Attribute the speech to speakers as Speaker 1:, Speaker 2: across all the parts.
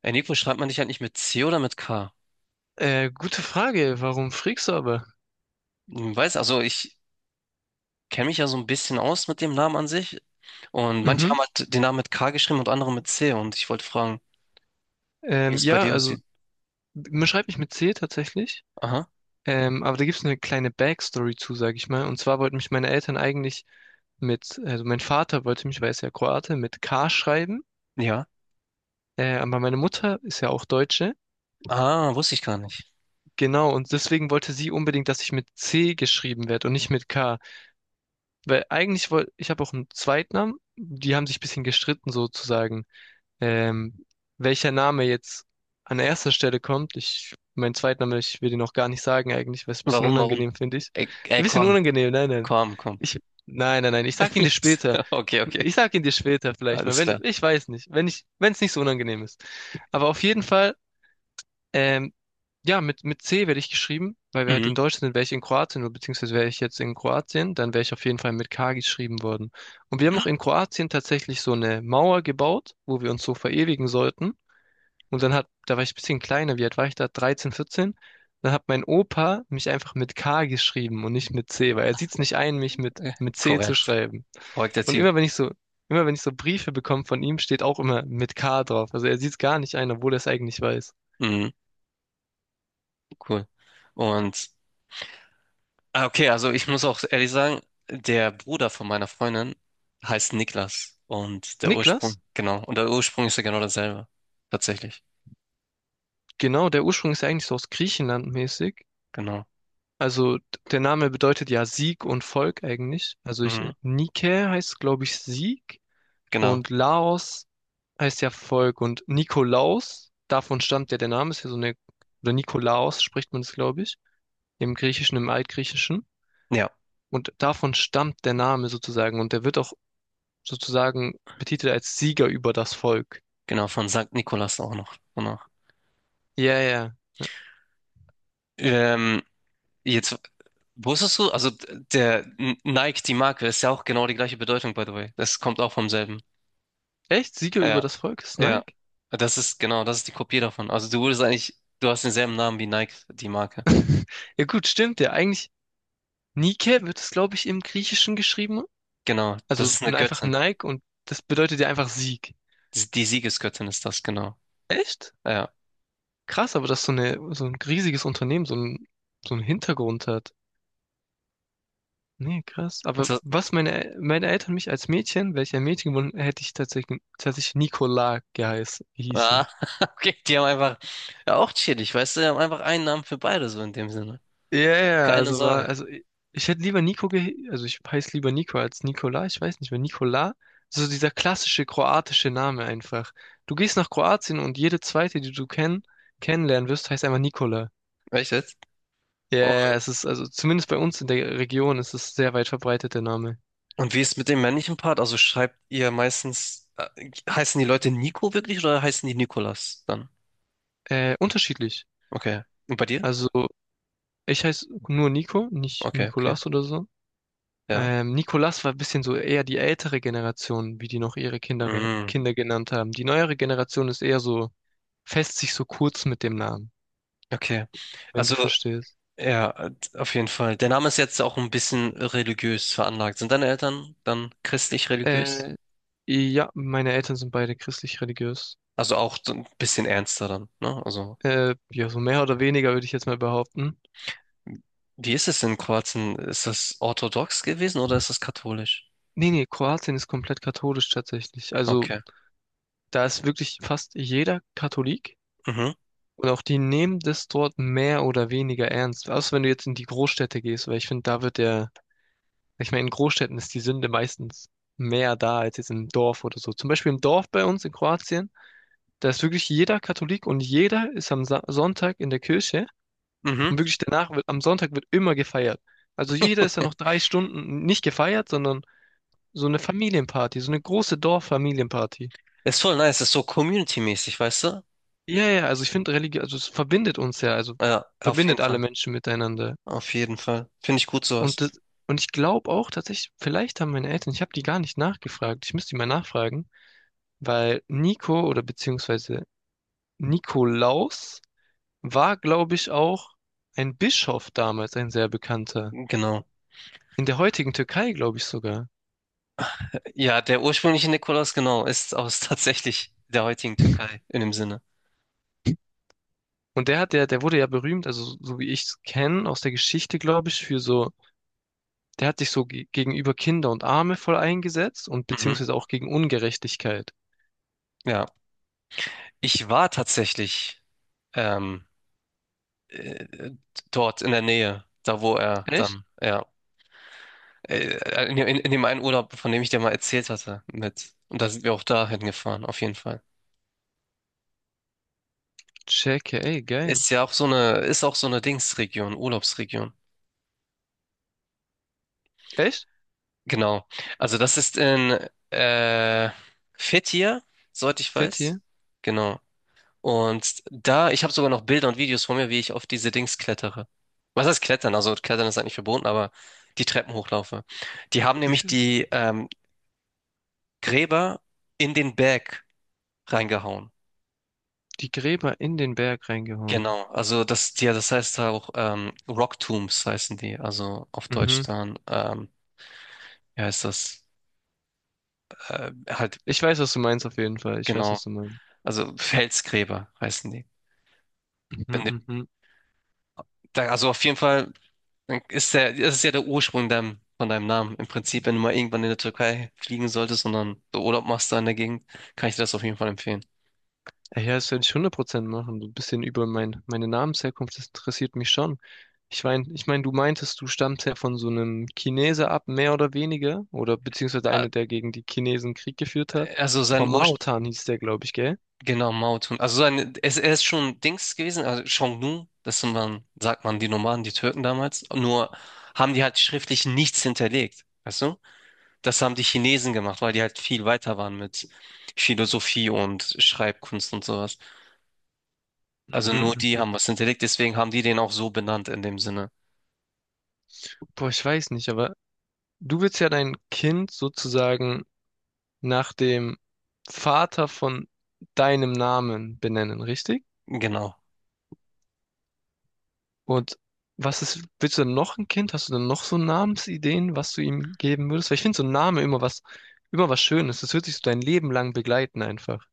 Speaker 1: Ey, Nico, schreibt man dich halt nicht mit C oder mit K?
Speaker 2: Gute Frage. Warum Freaks.
Speaker 1: Weiß, also ich kenne mich ja so ein bisschen aus mit dem Namen an sich. Und manche
Speaker 2: Mhm.
Speaker 1: haben halt den Namen mit K geschrieben und andere mit C. Und ich wollte fragen, wie es bei
Speaker 2: Ja,
Speaker 1: dir
Speaker 2: also
Speaker 1: aussieht.
Speaker 2: man schreibt mich mit C tatsächlich.
Speaker 1: Aha,
Speaker 2: Aber da gibt es eine kleine Backstory zu, sag ich mal. Und zwar wollten mich meine Eltern eigentlich also mein Vater wollte mich, weil er ist ja Kroate, mit K schreiben.
Speaker 1: ja.
Speaker 2: Aber meine Mutter ist ja auch Deutsche.
Speaker 1: Ah, wusste ich gar nicht.
Speaker 2: Genau, und deswegen wollte sie unbedingt, dass ich mit C geschrieben werde und nicht mit K. Weil eigentlich wollte, ich habe auch einen Zweitnamen, die haben sich ein bisschen gestritten sozusagen. Ähm, Welcher Name jetzt an erster Stelle kommt, ich, mein Zweitname, ich will den auch gar nicht sagen eigentlich, weil es ein bisschen
Speaker 1: Warum, warum?
Speaker 2: unangenehm finde ich.
Speaker 1: Ey,
Speaker 2: Ein
Speaker 1: ey,
Speaker 2: bisschen
Speaker 1: komm,
Speaker 2: unangenehm, nein, nein.
Speaker 1: komm, komm.
Speaker 2: Ich, nein, nein, nein, ich sag ihn dir später.
Speaker 1: Okay, okay,
Speaker 2: Ich sag ihn dir später vielleicht mal,
Speaker 1: alles
Speaker 2: wenn,
Speaker 1: klar.
Speaker 2: ich weiß nicht, wenn ich, wenn es nicht so unangenehm ist. Aber auf jeden Fall, ähm, ja, mit C werde ich geschrieben, weil wir halt
Speaker 1: Mhm.
Speaker 2: in Deutschland sind. Wäre ich in Kroatien, oder beziehungsweise wäre ich jetzt in Kroatien, dann wäre ich auf jeden Fall mit K geschrieben worden. Und wir haben auch in Kroatien tatsächlich so eine Mauer gebaut, wo wir uns so verewigen sollten. Und dann hat, da war ich ein bisschen kleiner, wie alt war ich da? 13, 14. Dann hat mein Opa mich einfach mit K geschrieben und nicht mit C, weil er sieht es nicht ein, mich mit,
Speaker 1: Äh,
Speaker 2: mit C zu
Speaker 1: Korrekt.
Speaker 2: schreiben.
Speaker 1: Korrekter
Speaker 2: Und
Speaker 1: Typ.
Speaker 2: immer wenn ich so, immer wenn ich so Briefe bekomme von ihm, steht auch immer mit K drauf. Also er sieht es gar nicht ein, obwohl er es eigentlich weiß.
Speaker 1: Mhm, cool. Und Ah, okay, also ich muss auch ehrlich sagen, der Bruder von meiner Freundin heißt Niklas
Speaker 2: Niklas?
Speaker 1: Genau, und der Ursprung ist ja genau dasselbe, tatsächlich,
Speaker 2: Genau, der Ursprung ist ja eigentlich so aus Griechenland mäßig.
Speaker 1: genau,
Speaker 2: Also der Name bedeutet ja Sieg und Volk eigentlich. Also ich,
Speaker 1: mhm.
Speaker 2: Nike heißt, glaube ich, Sieg
Speaker 1: Genau,
Speaker 2: und Laos heißt ja Volk und Nikolaus, davon stammt ja der Name, ist ja so eine, oder Nikolaos spricht man es, glaube ich, im Griechischen, im Altgriechischen.
Speaker 1: ja,
Speaker 2: Und davon stammt der Name sozusagen und der wird auch sozusagen betitelt als Sieger über das Volk.
Speaker 1: genau, von Sankt Nikolaus auch noch, danach.
Speaker 2: Ja, ja.
Speaker 1: Ähm, jetzt, wusstest du, also Nike, die Marke, ist ja auch genau die gleiche Bedeutung, by the way, das kommt auch vom selben,
Speaker 2: Echt? Sieger über
Speaker 1: ja,
Speaker 2: das Volk ist
Speaker 1: ja,
Speaker 2: Nike?
Speaker 1: das ist, genau, das ist die Kopie davon, also du hast denselben Namen wie Nike, die Marke,
Speaker 2: Ja gut, stimmt ja. Eigentlich Nike wird es, glaube ich, im Griechischen geschrieben.
Speaker 1: genau,
Speaker 2: Also
Speaker 1: das ist eine
Speaker 2: einfach
Speaker 1: Göttin.
Speaker 2: Nike und das bedeutet ja einfach Sieg.
Speaker 1: Die Siegesgöttin ist das, genau.
Speaker 2: Echt?
Speaker 1: Ja.
Speaker 2: Krass, aber dass so eine, so ein riesiges Unternehmen so ein, so einen Hintergrund hat. Nee, krass. Aber
Speaker 1: Ist das,
Speaker 2: was meine, meine Eltern mich als Mädchen, welcher Mädchen gewonnen, hätte ich tatsächlich Nicola geheißen,
Speaker 1: ah,
Speaker 2: hießen.
Speaker 1: okay, die haben einfach, ja, auch chillig, weißt du, die haben einfach einen Namen für beide, so in dem Sinne.
Speaker 2: Ja, ja, ja,
Speaker 1: Keine
Speaker 2: also war,
Speaker 1: Sorge.
Speaker 2: also ich hätte lieber Niko, ge also ich heiße lieber Niko als Nikola, ich weiß nicht, mehr Nikola, so dieser klassische kroatische Name einfach. Du gehst nach Kroatien und jede zweite, die du kennenlernen wirst, heißt einfach Nikola.
Speaker 1: Echt jetzt?
Speaker 2: Ja, ja,
Speaker 1: Und,
Speaker 2: ja, es ist, also zumindest bei uns in der Region ist es sehr weit verbreitet, der Name.
Speaker 1: und wie ist mit dem männlichen Part? Also heißen die Leute Nico wirklich oder heißen die Nikolas dann?
Speaker 2: Unterschiedlich.
Speaker 1: Okay. Und bei dir?
Speaker 2: Also ich heiße nur Nico, nicht
Speaker 1: Okay, okay.
Speaker 2: Nikolas oder so.
Speaker 1: Ja.
Speaker 2: Nikolas war ein bisschen so eher die ältere Generation, wie die noch ihre Kinder,
Speaker 1: Mm,
Speaker 2: Kinder genannt haben. Die neuere Generation ist eher so fässt sich so kurz mit dem Namen,
Speaker 1: okay.
Speaker 2: wenn du
Speaker 1: Also,
Speaker 2: verstehst.
Speaker 1: ja, auf jeden Fall. Der Name ist jetzt auch ein bisschen religiös veranlagt. Sind deine Eltern dann christlich religiös?
Speaker 2: Äh, ja, meine Eltern sind beide christlich-religiös.
Speaker 1: Also auch so ein bisschen ernster dann, ne? Also,
Speaker 2: Ja, so mehr oder weniger würde ich jetzt mal behaupten.
Speaker 1: wie ist es in Kroatien? Ist das orthodox gewesen oder ist das katholisch?
Speaker 2: Nee, nee, Kroatien ist komplett katholisch tatsächlich. Also
Speaker 1: Okay.
Speaker 2: da ist wirklich fast jeder Katholik
Speaker 1: Mhm.
Speaker 2: und auch die nehmen das dort mehr oder weniger ernst. Außer wenn du jetzt in die Großstädte gehst, weil ich finde, da wird der, ich meine, in Großstädten ist die Sünde meistens mehr da als jetzt im Dorf oder so. Zum Beispiel im Dorf bei uns in Kroatien. Da ist wirklich jeder Katholik und jeder ist am Sa Sonntag in der Kirche
Speaker 1: Mhm.
Speaker 2: und wirklich danach wird, am Sonntag wird immer gefeiert. Also jeder ist ja noch 3 Stunden nicht gefeiert, sondern so eine Familienparty, so eine große Dorffamilienparty.
Speaker 1: Ist voll nice, ist so community-mäßig, weißt du?
Speaker 2: Ja, ja, also ich finde Religion, also es verbindet uns ja, also
Speaker 1: Ja, auf jeden
Speaker 2: verbindet alle
Speaker 1: Fall.
Speaker 2: Menschen miteinander.
Speaker 1: Auf jeden Fall. Finde ich gut sowas.
Speaker 2: Und das, und ich glaube auch tatsächlich, vielleicht haben meine Eltern, ich habe die gar nicht nachgefragt, ich müsste die mal nachfragen, weil Nico oder beziehungsweise Nikolaus war, glaube ich, auch ein Bischof damals, ein sehr bekannter.
Speaker 1: Genau.
Speaker 2: In der heutigen Türkei, glaube ich sogar.
Speaker 1: Ja, der ursprüngliche Nikolaus, genau, ist aus tatsächlich der heutigen Türkei in dem Sinne.
Speaker 2: Und der hat ja, der wurde ja berühmt, also so wie ich es kenne aus der Geschichte, glaube ich, für so, der hat sich so ge gegenüber Kinder und Arme voll eingesetzt und
Speaker 1: Mhm.
Speaker 2: beziehungsweise auch gegen Ungerechtigkeit.
Speaker 1: Ja. Ich war tatsächlich ähm, äh, dort in der Nähe, da wo er
Speaker 2: Echt?
Speaker 1: dann, ja. In dem einen Urlaub, von dem ich dir mal erzählt hatte, mit. Und da sind wir auch dahin gefahren, auf jeden Fall.
Speaker 2: Checke, ey, geil.
Speaker 1: Ist ja auch so eine, ist auch so eine Dingsregion, Urlaubsregion.
Speaker 2: Echt?
Speaker 1: Genau. Also das ist in äh, Fethiye, soweit ich
Speaker 2: Fett
Speaker 1: weiß.
Speaker 2: hier.
Speaker 1: Genau. Und da, ich habe sogar noch Bilder und Videos von mir, wie ich auf diese Dings klettere. Was heißt klettern? Also klettern ist eigentlich verboten, aber die Treppen hochlaufe. Die haben
Speaker 2: Ich,
Speaker 1: nämlich die Gräber in den Berg reingehauen.
Speaker 2: die Gräber in den Berg reingehauen.
Speaker 1: Genau, also das, ja, das heißt auch Rock Tombs heißen die, also auf Deutsch
Speaker 2: Mhm.
Speaker 1: dann, wie heißt das? Halt,
Speaker 2: Ich weiß, was du meinst, auf jeden Fall. Ich weiß,
Speaker 1: genau,
Speaker 2: was du meinst.
Speaker 1: also Felsgräber heißen die. Wenn
Speaker 2: Mhm,
Speaker 1: du-
Speaker 2: mhm.
Speaker 1: da, also auf jeden Fall das ist ja der Ursprung von deinem Namen. Im Prinzip, wenn du mal irgendwann in der Türkei fliegen solltest und dann so Urlaub machst da in der Gegend, kann ich dir das auf jeden Fall empfehlen.
Speaker 2: Ja, das werde ich 100% machen. So ein bisschen über mein, meine Namensherkunft, das interessiert mich schon. Ich meine, du meintest, du stammst ja von so einem Chineser ab, mehr oder weniger, oder beziehungsweise
Speaker 1: Ah,
Speaker 2: einer, der gegen die Chinesen Krieg geführt hat.
Speaker 1: Also sein
Speaker 2: Von Mao
Speaker 1: Ursprung.
Speaker 2: Tan hieß der, glaube ich, gell?
Speaker 1: Genau, Mautun. Also er ist schon Dings gewesen, also Xiongnu, sagt man, die Nomaden, die Türken damals. Nur haben die halt schriftlich nichts hinterlegt. Weißt du? Das haben die Chinesen gemacht, weil die halt viel weiter waren mit Philosophie und Schreibkunst und sowas. Also nur die
Speaker 2: Mhm.
Speaker 1: haben was hinterlegt, deswegen haben die den auch so benannt in dem Sinne.
Speaker 2: Boah, ich weiß nicht, aber du willst ja dein Kind sozusagen nach dem Vater von deinem Namen benennen, richtig?
Speaker 1: Genau.
Speaker 2: Und was ist, willst du denn noch ein Kind? Hast du denn noch so Namensideen, was du ihm geben würdest? Weil ich finde so ein Name immer was, Schönes. Das wird dich so dein Leben lang begleiten einfach.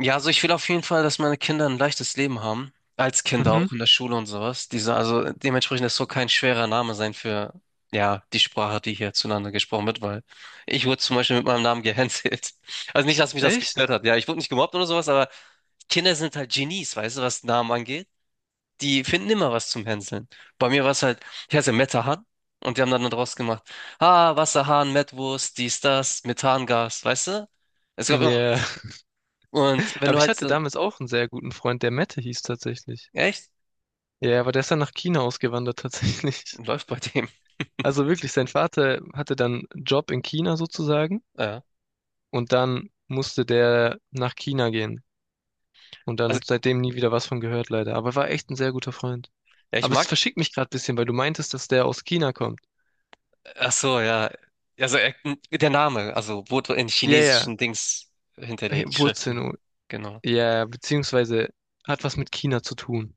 Speaker 1: Ja, also ich will auf jeden Fall, dass meine Kinder ein leichtes Leben haben. Als Kinder auch
Speaker 2: Mhm.
Speaker 1: in der Schule und sowas. Also dementsprechend das soll kein schwerer Name sein für, ja, die Sprache, die hier zueinander gesprochen wird, weil ich wurde zum Beispiel mit meinem Namen gehänselt. Also nicht, dass mich das gestört
Speaker 2: Echt?
Speaker 1: hat. Ja, ich wurde nicht gemobbt oder sowas, aber Kinder sind halt Genies, weißt du, was Namen angeht. Die finden immer was zum Hänseln. Bei mir war es halt, ich heiße Metahan und die haben dann daraus gemacht, ah, Wasserhahn, Mettwurst, dies, das, Methangas, weißt du? Es gab immer
Speaker 2: Ja.
Speaker 1: was. Und wenn
Speaker 2: Aber
Speaker 1: du
Speaker 2: ich
Speaker 1: halt
Speaker 2: hatte
Speaker 1: so.
Speaker 2: damals auch einen sehr guten Freund, der Mette hieß tatsächlich.
Speaker 1: Echt?
Speaker 2: Ja, aber der ist dann nach China ausgewandert tatsächlich.
Speaker 1: Läuft bei dem.
Speaker 2: Also wirklich, sein Vater hatte dann einen Job in China sozusagen
Speaker 1: Ja.
Speaker 2: und dann musste der nach China gehen. Und
Speaker 1: Also,
Speaker 2: dann seitdem nie wieder was von gehört, leider. Aber war echt ein sehr guter Freund.
Speaker 1: ja, ich
Speaker 2: Aber
Speaker 1: mag.
Speaker 2: es verschickt mich gerade ein bisschen, weil du meintest, dass der aus China kommt.
Speaker 1: Ach so, ja. Also, der Name, also wurde in
Speaker 2: Ja, ja,
Speaker 1: chinesischen Dings
Speaker 2: hey,
Speaker 1: hinterlegt,
Speaker 2: Wurzeln.
Speaker 1: Schriften.
Speaker 2: Oh,
Speaker 1: Genau.
Speaker 2: ja, ja, beziehungsweise hat was mit China zu tun.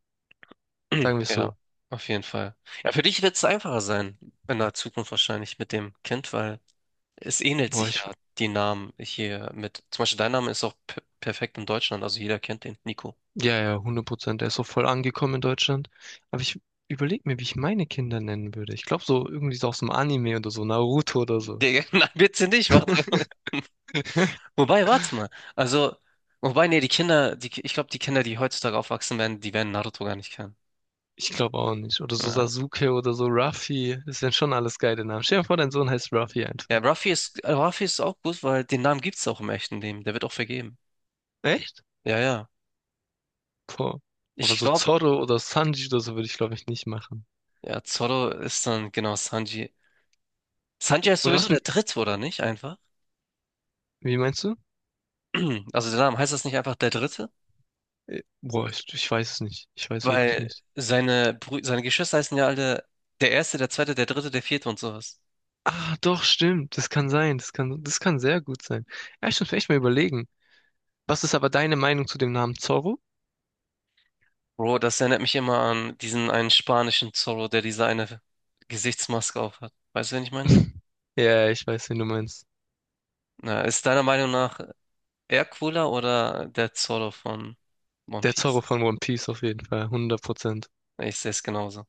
Speaker 2: Sagen wir es
Speaker 1: Ja,
Speaker 2: so.
Speaker 1: auf jeden Fall. Ja, für dich wird es einfacher sein, in der Zukunft wahrscheinlich mit dem Kind, weil es ähnelt
Speaker 2: Boah,
Speaker 1: sich
Speaker 2: ich,
Speaker 1: ja die Namen hier mit. Zum Beispiel dein Name ist auch perfekt in Deutschland, also jeder kennt den, Nico.
Speaker 2: ja, ja, 100%. Der ist so voll angekommen in Deutschland. Aber ich überlege mir, wie ich meine Kinder nennen würde. Ich glaube so irgendwie so aus dem Anime oder so, Naruto oder so.
Speaker 1: Der. Nein, bitte nicht, mach. Wobei, warte mal. Also, wobei, nee, ich glaube, die Kinder, die heutzutage aufwachsen werden, die werden Naruto gar nicht kennen.
Speaker 2: Ich glaube auch nicht. Oder so
Speaker 1: Ja,
Speaker 2: Sasuke oder so Ruffy. Das sind schon alles geile Namen. Stell dir mal vor, dein Sohn heißt Ruffy
Speaker 1: ja
Speaker 2: einfach.
Speaker 1: Ruffy ist auch gut, weil den Namen gibt's auch im echten Leben. Der wird auch vergeben.
Speaker 2: Echt?
Speaker 1: Ja, ja.
Speaker 2: Boah. Aber
Speaker 1: Ich
Speaker 2: so
Speaker 1: glaube,
Speaker 2: Zorro oder Sanji oder so würde ich, glaube ich, nicht machen.
Speaker 1: ja, Zoro ist dann genau Sanji. Sanji ist
Speaker 2: Oder
Speaker 1: sowieso
Speaker 2: was?
Speaker 1: der Dritte, oder nicht? Einfach.
Speaker 2: Wie meinst du?
Speaker 1: Also der Name heißt das nicht einfach der Dritte?
Speaker 2: Boah, ich weiß es nicht. Ich weiß wirklich
Speaker 1: Weil
Speaker 2: nicht.
Speaker 1: seine Geschwister heißen ja alle der Erste, der Zweite, der Dritte, der Vierte und sowas.
Speaker 2: Ah, doch, stimmt. Das kann sein. Das kann sehr gut sein. Ja, ich muss mir echt mal überlegen. Was ist aber deine Meinung zu dem Namen Zorro?
Speaker 1: Bro, das erinnert mich immer an diesen einen spanischen Zorro, der diese eine Gesichtsmaske aufhat. Weißt du, wen ich meine?
Speaker 2: Ja, ich weiß, wen du meinst.
Speaker 1: Na, ist deiner Meinung nach er cooler oder der Zorro von One
Speaker 2: Der Zorro
Speaker 1: Piece?
Speaker 2: von One Piece auf jeden Fall. 100%.
Speaker 1: Ich sehe es genauso.